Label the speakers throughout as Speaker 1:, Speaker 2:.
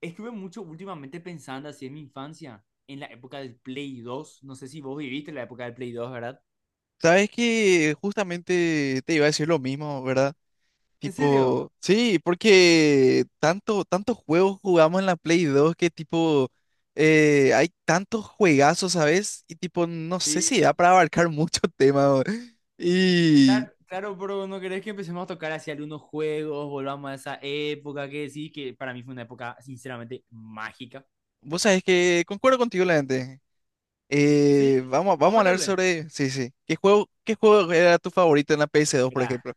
Speaker 1: Estuve mucho últimamente pensando así en mi infancia, en la época del Play 2. No sé si vos viviste la época del Play 2, ¿verdad?
Speaker 2: Sabes que justamente te iba a decir lo mismo, ¿verdad?
Speaker 1: ¿En serio?
Speaker 2: Tipo, sí, porque tantos juegos jugamos en la Play 2 que tipo, hay tantos juegazos, ¿sabes? Y tipo, no sé si da
Speaker 1: Sí.
Speaker 2: para abarcar mucho tema, bro. Y
Speaker 1: Claro, claro, pero no querés que empecemos a tocar hacia algunos juegos, volvamos a esa época que sí, que para mí fue una época sinceramente mágica.
Speaker 2: vos sabés que concuerdo contigo, la gente.
Speaker 1: Sí, vamos
Speaker 2: Vamos a
Speaker 1: a
Speaker 2: hablar
Speaker 1: meterle.
Speaker 2: sobre, sí, sí. ¿Qué juego era tu favorito en la PS dos, por
Speaker 1: Mira,
Speaker 2: ejemplo?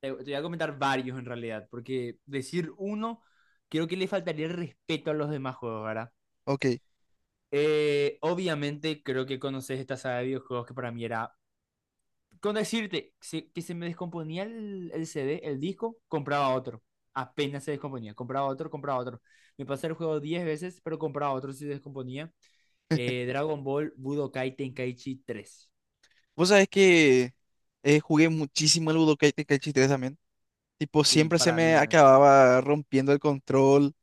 Speaker 1: te voy a comentar varios en realidad, porque decir uno, creo que le faltaría el respeto a los demás juegos, ¿verdad?
Speaker 2: Ok.
Speaker 1: Obviamente creo que conoces esta saga de videojuegos que para mí era, con decirte que se me descomponía el CD, el disco, compraba otro. Apenas se descomponía, compraba otro, compraba otro. Me pasé el juego 10 veces, pero compraba otro si se descomponía. Dragon Ball Budokai Tenkaichi 3.
Speaker 2: Vos sabés que jugué muchísimo el Budokai Tenkaichi 3. Tipo,
Speaker 1: Sí,
Speaker 2: siempre se
Speaker 1: para
Speaker 2: me
Speaker 1: mí es.
Speaker 2: acababa rompiendo el control,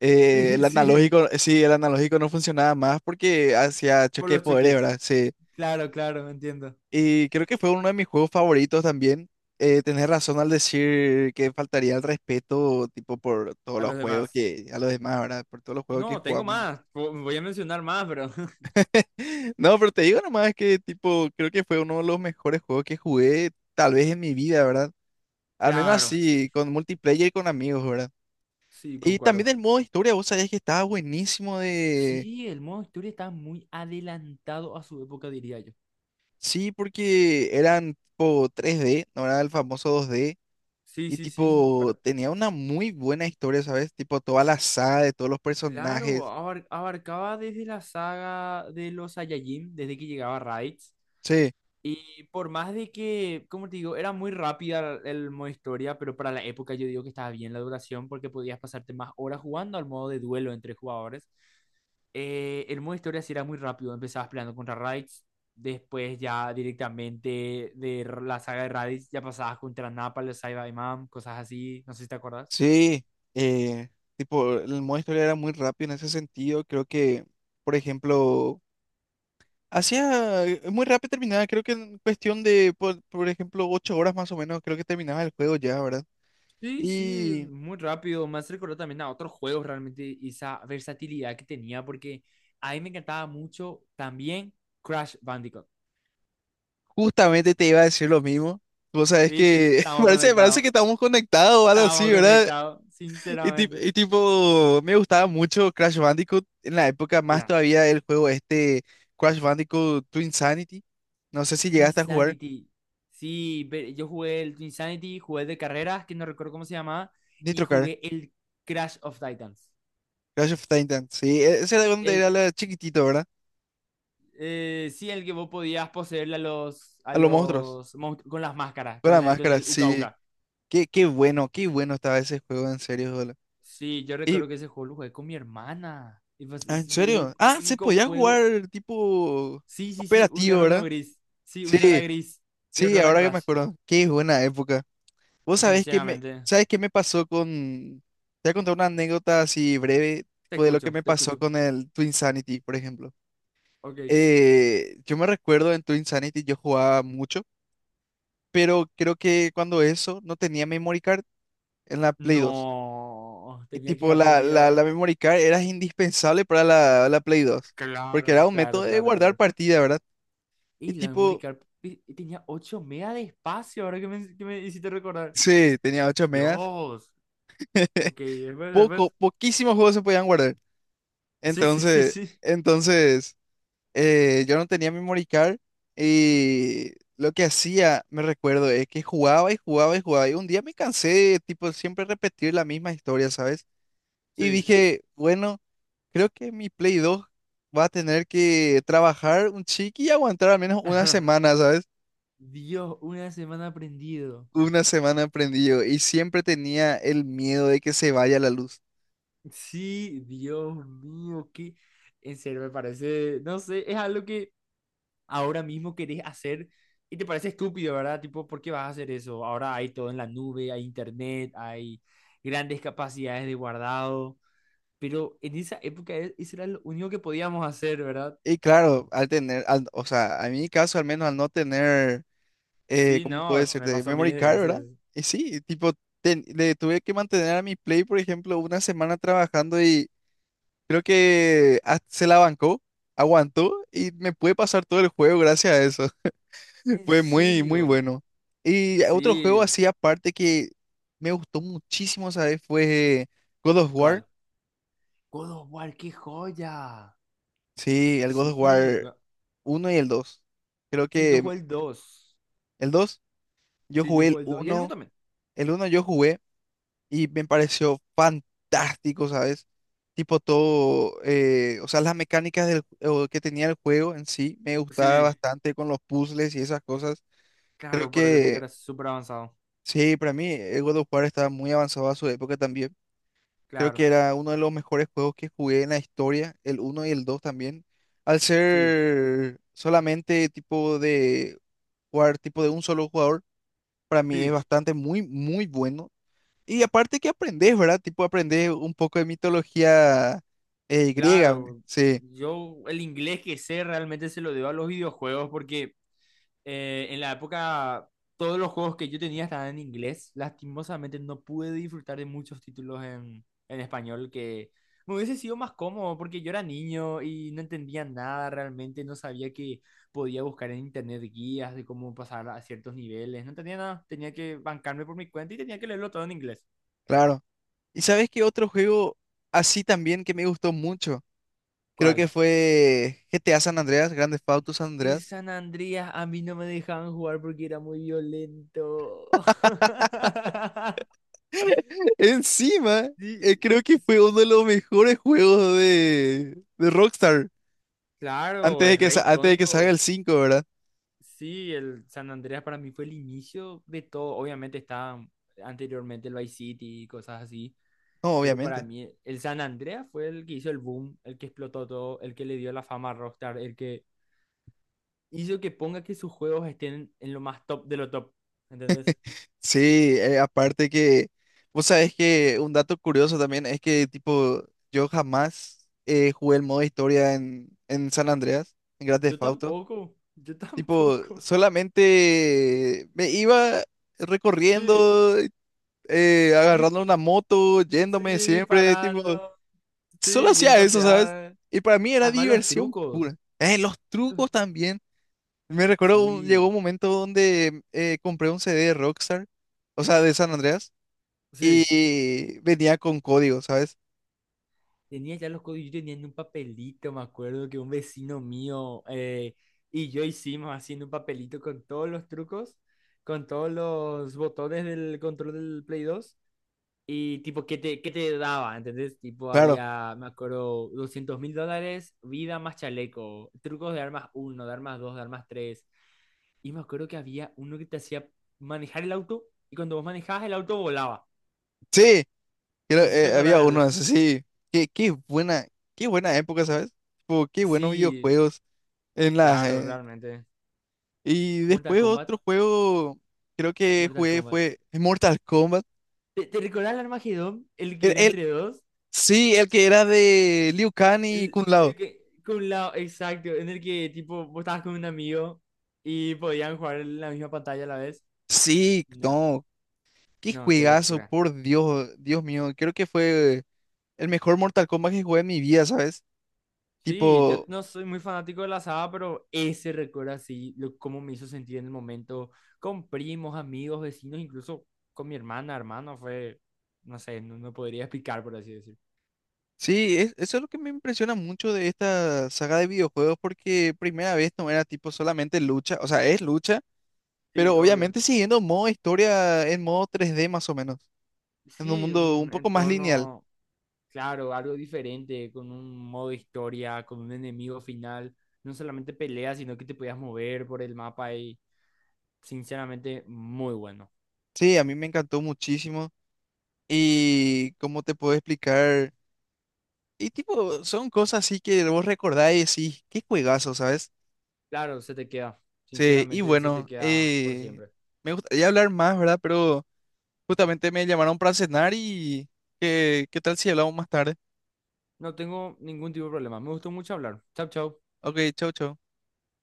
Speaker 2: el
Speaker 1: Sí, sí,
Speaker 2: analógico, sí, el analógico no funcionaba más porque hacía
Speaker 1: por
Speaker 2: choque de
Speaker 1: los
Speaker 2: poderes,
Speaker 1: choques.
Speaker 2: ¿verdad? Sí.
Speaker 1: Claro, claro, entiendo.
Speaker 2: Y creo que fue uno de mis juegos favoritos también. Tenés razón al decir que faltaría el respeto, tipo, por todos
Speaker 1: A
Speaker 2: los
Speaker 1: los
Speaker 2: juegos
Speaker 1: demás.
Speaker 2: que, a los demás, ¿verdad? Por todos los juegos que
Speaker 1: No, tengo
Speaker 2: jugamos.
Speaker 1: más. Voy a mencionar más, pero.
Speaker 2: ¿No? No, pero te digo nomás que, tipo, creo que fue uno de los mejores juegos que jugué, tal vez en mi vida, ¿verdad? Al menos
Speaker 1: Claro,
Speaker 2: así, con multiplayer y con amigos, ¿verdad?
Speaker 1: sí,
Speaker 2: Y también
Speaker 1: concuerdo.
Speaker 2: el modo historia, vos sabías que estaba buenísimo de...
Speaker 1: Sí, el modo historia está muy adelantado a su época, diría yo.
Speaker 2: Sí, porque eran tipo tres d, no era el famoso dos d.
Speaker 1: Sí,
Speaker 2: Y
Speaker 1: sí, sí.
Speaker 2: tipo, tenía una muy buena historia, ¿sabes? Tipo, toda la saga de todos los
Speaker 1: Claro,
Speaker 2: personajes.
Speaker 1: abarcaba desde la saga de los Saiyajin, desde que llegaba Raditz.
Speaker 2: Sí,
Speaker 1: Y por más de que, como te digo, era muy rápida el modo historia, pero para la época yo digo que estaba bien la duración porque podías pasarte más horas jugando al modo de duelo entre jugadores. El modo historia sí era muy rápido, empezabas peleando contra Raditz, después ya directamente la saga de Raditz ya pasabas contra Nappa, los Saiyaman, cosas así, no sé si te acuerdas.
Speaker 2: sí. eh, tipo, el modo historia era muy rápido en ese sentido. Creo que, por ejemplo, hacía muy rápido terminaba. Creo que en cuestión de, por ejemplo, 8 horas más o menos, creo que terminaba el juego ya, ¿verdad?
Speaker 1: Sí, sí,
Speaker 2: y
Speaker 1: muy rápido. Me hace recordar también a otros juegos realmente esa versatilidad que tenía, porque a mí me encantaba mucho también Crash Bandicoot.
Speaker 2: Justamente te iba a decir lo mismo. Vos sabés
Speaker 1: ¿Viste?
Speaker 2: que
Speaker 1: Estamos
Speaker 2: parece que
Speaker 1: conectados.
Speaker 2: estamos conectados o algo
Speaker 1: Estamos
Speaker 2: así, ¿verdad?
Speaker 1: conectados, sinceramente.
Speaker 2: Y tipo, me gustaba mucho Crash Bandicoot en la época, más
Speaker 1: La
Speaker 2: todavía el juego este Crash Bandicoot Twin Insanity. No sé si
Speaker 1: Twin.
Speaker 2: llegaste a jugar
Speaker 1: Sí, yo jugué el Twin, jugué el de carreras, que no recuerdo cómo se llamaba, y
Speaker 2: Nitro Car,
Speaker 1: jugué el Crash of Titans.
Speaker 2: Crash of Titan. Sí, ese era donde era
Speaker 1: El,
Speaker 2: la chiquitito, ¿verdad?
Speaker 1: sí, el que vos podías poseer a
Speaker 2: A los monstruos,
Speaker 1: los monstruos con las máscaras,
Speaker 2: con
Speaker 1: con
Speaker 2: la
Speaker 1: la, con
Speaker 2: máscara,
Speaker 1: el Uka
Speaker 2: sí.
Speaker 1: Uka.
Speaker 2: Qué bueno estaba ese juego, en serio, boludo.
Speaker 1: Sí, yo
Speaker 2: Y,
Speaker 1: recuerdo que ese juego lo jugué con mi hermana. Y pues,
Speaker 2: ah, ¿en
Speaker 1: es
Speaker 2: serio?
Speaker 1: el
Speaker 2: Ah, se
Speaker 1: único
Speaker 2: podía
Speaker 1: juego.
Speaker 2: jugar tipo
Speaker 1: Sí, sí, sí, uno
Speaker 2: operativo,
Speaker 1: era uno
Speaker 2: ¿verdad?
Speaker 1: gris. Sí, uno era
Speaker 2: Sí.
Speaker 1: gris y
Speaker 2: Sí,
Speaker 1: otro era
Speaker 2: ahora que me
Speaker 1: Crash.
Speaker 2: acuerdo, qué buena época. Vos sabés que me,
Speaker 1: Sinceramente,
Speaker 2: ¿sabés qué me pasó con... Te voy a contar una anécdota así breve,
Speaker 1: te
Speaker 2: tipo de lo que
Speaker 1: escucho,
Speaker 2: me
Speaker 1: te
Speaker 2: pasó
Speaker 1: escucho.
Speaker 2: con el Twin Sanity, por ejemplo.
Speaker 1: Ok.
Speaker 2: Yo me recuerdo en Twin Sanity yo jugaba mucho, pero creo que cuando eso no tenía memory card en la Play dos.
Speaker 1: No,
Speaker 2: Y
Speaker 1: tenía que
Speaker 2: tipo
Speaker 1: haber
Speaker 2: la,
Speaker 1: aprendido
Speaker 2: la,
Speaker 1: ahora.
Speaker 2: la memory card era indispensable para la Play 2, porque
Speaker 1: Claro,
Speaker 2: era un método
Speaker 1: claro,
Speaker 2: de
Speaker 1: claro,
Speaker 2: guardar
Speaker 1: claro.
Speaker 2: partida, ¿verdad? Y
Speaker 1: Y la memory
Speaker 2: tipo,
Speaker 1: card tenía 8 mega de espacio, ahora que que me hiciste recordar.
Speaker 2: sí, tenía 8 megas.
Speaker 1: Dios. Ok, después,
Speaker 2: Poco,
Speaker 1: después.
Speaker 2: poquísimos juegos se podían guardar.
Speaker 1: Sí, sí, sí,
Speaker 2: Entonces,
Speaker 1: sí.
Speaker 2: entonces yo no tenía memory card y lo que hacía, me recuerdo, es que jugaba y jugaba y jugaba. Y un día me cansé de tipo siempre repetir la misma historia, ¿sabes? Y
Speaker 1: Sí.
Speaker 2: dije, bueno, creo que mi Play 2 va a tener que trabajar un chiqui y aguantar al menos una semana, ¿sabes?
Speaker 1: Dios, una semana aprendido.
Speaker 2: Una semana prendido y siempre tenía el miedo de que se vaya la luz.
Speaker 1: Sí, Dios mío, que en serio me parece, no sé, es algo que ahora mismo querés hacer y te parece estúpido, ¿verdad? Tipo, ¿por qué vas a hacer eso? Ahora hay todo en la nube, hay internet, hay grandes capacidades de guardado, pero en esa época eso era lo único que podíamos hacer, ¿verdad?
Speaker 2: Y claro, o sea, a mi caso al menos al no tener
Speaker 1: Sí,
Speaker 2: ¿cómo puede
Speaker 1: no,
Speaker 2: ser?
Speaker 1: me
Speaker 2: De
Speaker 1: pasó
Speaker 2: memory
Speaker 1: miles de
Speaker 2: card, ¿verdad?
Speaker 1: veces.
Speaker 2: Y sí, tipo, le tuve que mantener a mi Play, por ejemplo, una semana trabajando y creo que hasta se la bancó, aguantó y me pude pasar todo el juego gracias a eso.
Speaker 1: ¿En
Speaker 2: Fue muy, muy
Speaker 1: serio?
Speaker 2: bueno. Y otro juego
Speaker 1: Sí,
Speaker 2: así aparte que me gustó muchísimo, ¿sabes? Fue God of War.
Speaker 1: ¿cuál? God of War, qué joya.
Speaker 2: Sí, el God of
Speaker 1: Sí,
Speaker 2: War uno y el 2. Creo
Speaker 1: sí, yo
Speaker 2: que
Speaker 1: jugué el dos.
Speaker 2: el 2, yo
Speaker 1: Sí, yo
Speaker 2: jugué
Speaker 1: jugué el dos. Y el uno también.
Speaker 2: el uno yo jugué. Y me pareció fantástico, ¿sabes? Tipo todo, o sea, las mecánicas del, o que tenía el juego en sí me gustaba
Speaker 1: Sí,
Speaker 2: bastante con los puzzles y esas cosas. Creo
Speaker 1: claro, para la época
Speaker 2: que,
Speaker 1: era súper avanzado.
Speaker 2: sí, para mí, el God of War estaba muy avanzado a su época también. Creo
Speaker 1: Claro,
Speaker 2: que era uno de los mejores juegos que jugué en la historia, el uno y el 2 también. Al
Speaker 1: sí,
Speaker 2: ser solamente tipo de jugar, tipo de un solo jugador, para mí es
Speaker 1: sí,
Speaker 2: bastante muy, muy bueno. Y aparte que aprendes, ¿verdad? Tipo, aprendes un poco de mitología griega, güey.
Speaker 1: claro.
Speaker 2: Sí,
Speaker 1: Yo el inglés que sé realmente se lo debo a los videojuegos porque en la época todos los juegos que yo tenía estaban en inglés. Lastimosamente no pude disfrutar de muchos títulos en español que me hubiese sido más cómodo porque yo era niño y no entendía nada realmente, no sabía que podía buscar en internet guías de cómo pasar a ciertos niveles, no tenía nada, tenía que bancarme por mi cuenta y tenía que leerlo todo en inglés.
Speaker 2: claro. ¿Y sabes qué otro juego así también que me gustó mucho? Creo
Speaker 1: ¿Cuál?
Speaker 2: que fue GTA San Andreas, Grand Theft Auto San
Speaker 1: El
Speaker 2: Andreas.
Speaker 1: San Andreas a mí no me dejaban jugar porque era muy violento.
Speaker 2: Encima,
Speaker 1: Sí,
Speaker 2: creo que
Speaker 1: sí,
Speaker 2: fue uno de los mejores juegos de Rockstar
Speaker 1: claro,
Speaker 2: antes de
Speaker 1: es
Speaker 2: que,
Speaker 1: re
Speaker 2: antes de que salga el
Speaker 1: icónico.
Speaker 2: cinco, ¿verdad?
Speaker 1: Sí, el San Andreas para mí fue el inicio de todo. Obviamente estaba anteriormente el Vice City y cosas así,
Speaker 2: No,
Speaker 1: pero para
Speaker 2: obviamente.
Speaker 1: mí el San Andreas fue el que hizo el boom, el que explotó todo, el que le dio la fama a Rockstar, el que hizo que ponga que sus juegos estén en lo más top de lo top. ¿Entendés?
Speaker 2: Sí, aparte que, vos sabés que un dato curioso también es que, tipo, yo jamás jugué el modo historia en San Andreas, en Grand
Speaker 1: Yo
Speaker 2: Theft Auto.
Speaker 1: tampoco, yo
Speaker 2: Tipo,
Speaker 1: tampoco.
Speaker 2: solamente me iba
Speaker 1: Sí,
Speaker 2: recorriendo, agarrando una
Speaker 1: di-
Speaker 2: moto,
Speaker 1: sí,
Speaker 2: yéndome siempre, tipo,
Speaker 1: disparando. Sí,
Speaker 2: solo
Speaker 1: y en
Speaker 2: hacía
Speaker 1: esta
Speaker 2: eso, ¿sabes?
Speaker 1: ciudad.
Speaker 2: Y para mí era
Speaker 1: Además, los
Speaker 2: diversión pura.
Speaker 1: trucos.
Speaker 2: Los
Speaker 1: los-
Speaker 2: trucos también. Me recuerdo, llegó
Speaker 1: Sí,
Speaker 2: un momento donde compré un CD de Rockstar, o sea, de San Andreas
Speaker 1: sí.
Speaker 2: y venía con código, ¿sabes?
Speaker 1: Tenía ya los códigos. Yo tenía en un papelito, me acuerdo que un vecino mío y yo hicimos haciendo un papelito con todos los trucos, con todos los botones del control del Play 2. Y tipo, qué te daba? ¿Entendés? Tipo,
Speaker 2: Claro.
Speaker 1: había, me acuerdo, $200.000, vida más chaleco, trucos de armas uno, de armas dos, de armas tres. Y me acuerdo que había uno que te hacía manejar el auto y cuando vos manejabas el auto volaba.
Speaker 2: Sí, creo,
Speaker 1: No sé si te acordás
Speaker 2: había
Speaker 1: de
Speaker 2: uno
Speaker 1: eso.
Speaker 2: así. Qué, qué buena, qué buena época, ¿sabes? Tipo, qué buenos
Speaker 1: Sí,
Speaker 2: videojuegos en las
Speaker 1: claro, realmente.
Speaker 2: y
Speaker 1: Mortal
Speaker 2: después
Speaker 1: Kombat.
Speaker 2: otro juego, creo que
Speaker 1: Mortal
Speaker 2: jugué
Speaker 1: Kombat.
Speaker 2: fue Mortal Kombat.
Speaker 1: ¿Te recordás el Armagedón? El que
Speaker 2: El,
Speaker 1: era
Speaker 2: el-
Speaker 1: entre dos.
Speaker 2: sí, el que era de Liu Kang y Kung Lao.
Speaker 1: El que, con la, exacto, en el que tipo vos estabas con un amigo y podían jugar en la misma pantalla a la vez.
Speaker 2: Sí,
Speaker 1: No,
Speaker 2: no, qué
Speaker 1: no, qué
Speaker 2: juegazo,
Speaker 1: locura.
Speaker 2: por Dios, Dios mío. Creo que fue el mejor Mortal Kombat que jugué en mi vida, ¿sabes?
Speaker 1: Sí, yo
Speaker 2: Tipo,
Speaker 1: no soy muy fanático de la asada, pero ese recuerdo así, lo, cómo me hizo sentir en el momento, con primos, amigos, vecinos, incluso con mi hermana, hermano, fue, no sé, no, no podría explicar, por así decir.
Speaker 2: sí, eso es lo que me impresiona mucho de esta saga de videojuegos porque primera vez no era tipo solamente lucha, o sea, es lucha,
Speaker 1: Sí,
Speaker 2: pero
Speaker 1: obvio.
Speaker 2: obviamente siguiendo modo historia en modo 3D más o menos, en un
Speaker 1: Sí,
Speaker 2: mundo un
Speaker 1: un
Speaker 2: poco más lineal.
Speaker 1: entorno, claro, algo diferente, con un modo historia, con un enemigo final, no solamente peleas, sino que te podías mover por el mapa y, sinceramente, muy bueno.
Speaker 2: Sí, a mí me encantó muchísimo y cómo te puedo explicar, y tipo, son cosas así que vos recordás y decís, qué juegazo, ¿sabes?
Speaker 1: Claro, se te queda,
Speaker 2: Sí, y
Speaker 1: sinceramente, se te
Speaker 2: bueno,
Speaker 1: queda por siempre.
Speaker 2: me gustaría hablar más, ¿verdad? Pero justamente me llamaron para cenar y ¿qué tal si hablamos más tarde?
Speaker 1: No tengo ningún tipo de problema. Me gustó mucho hablar. Chau, chau.
Speaker 2: Ok, chau, chau.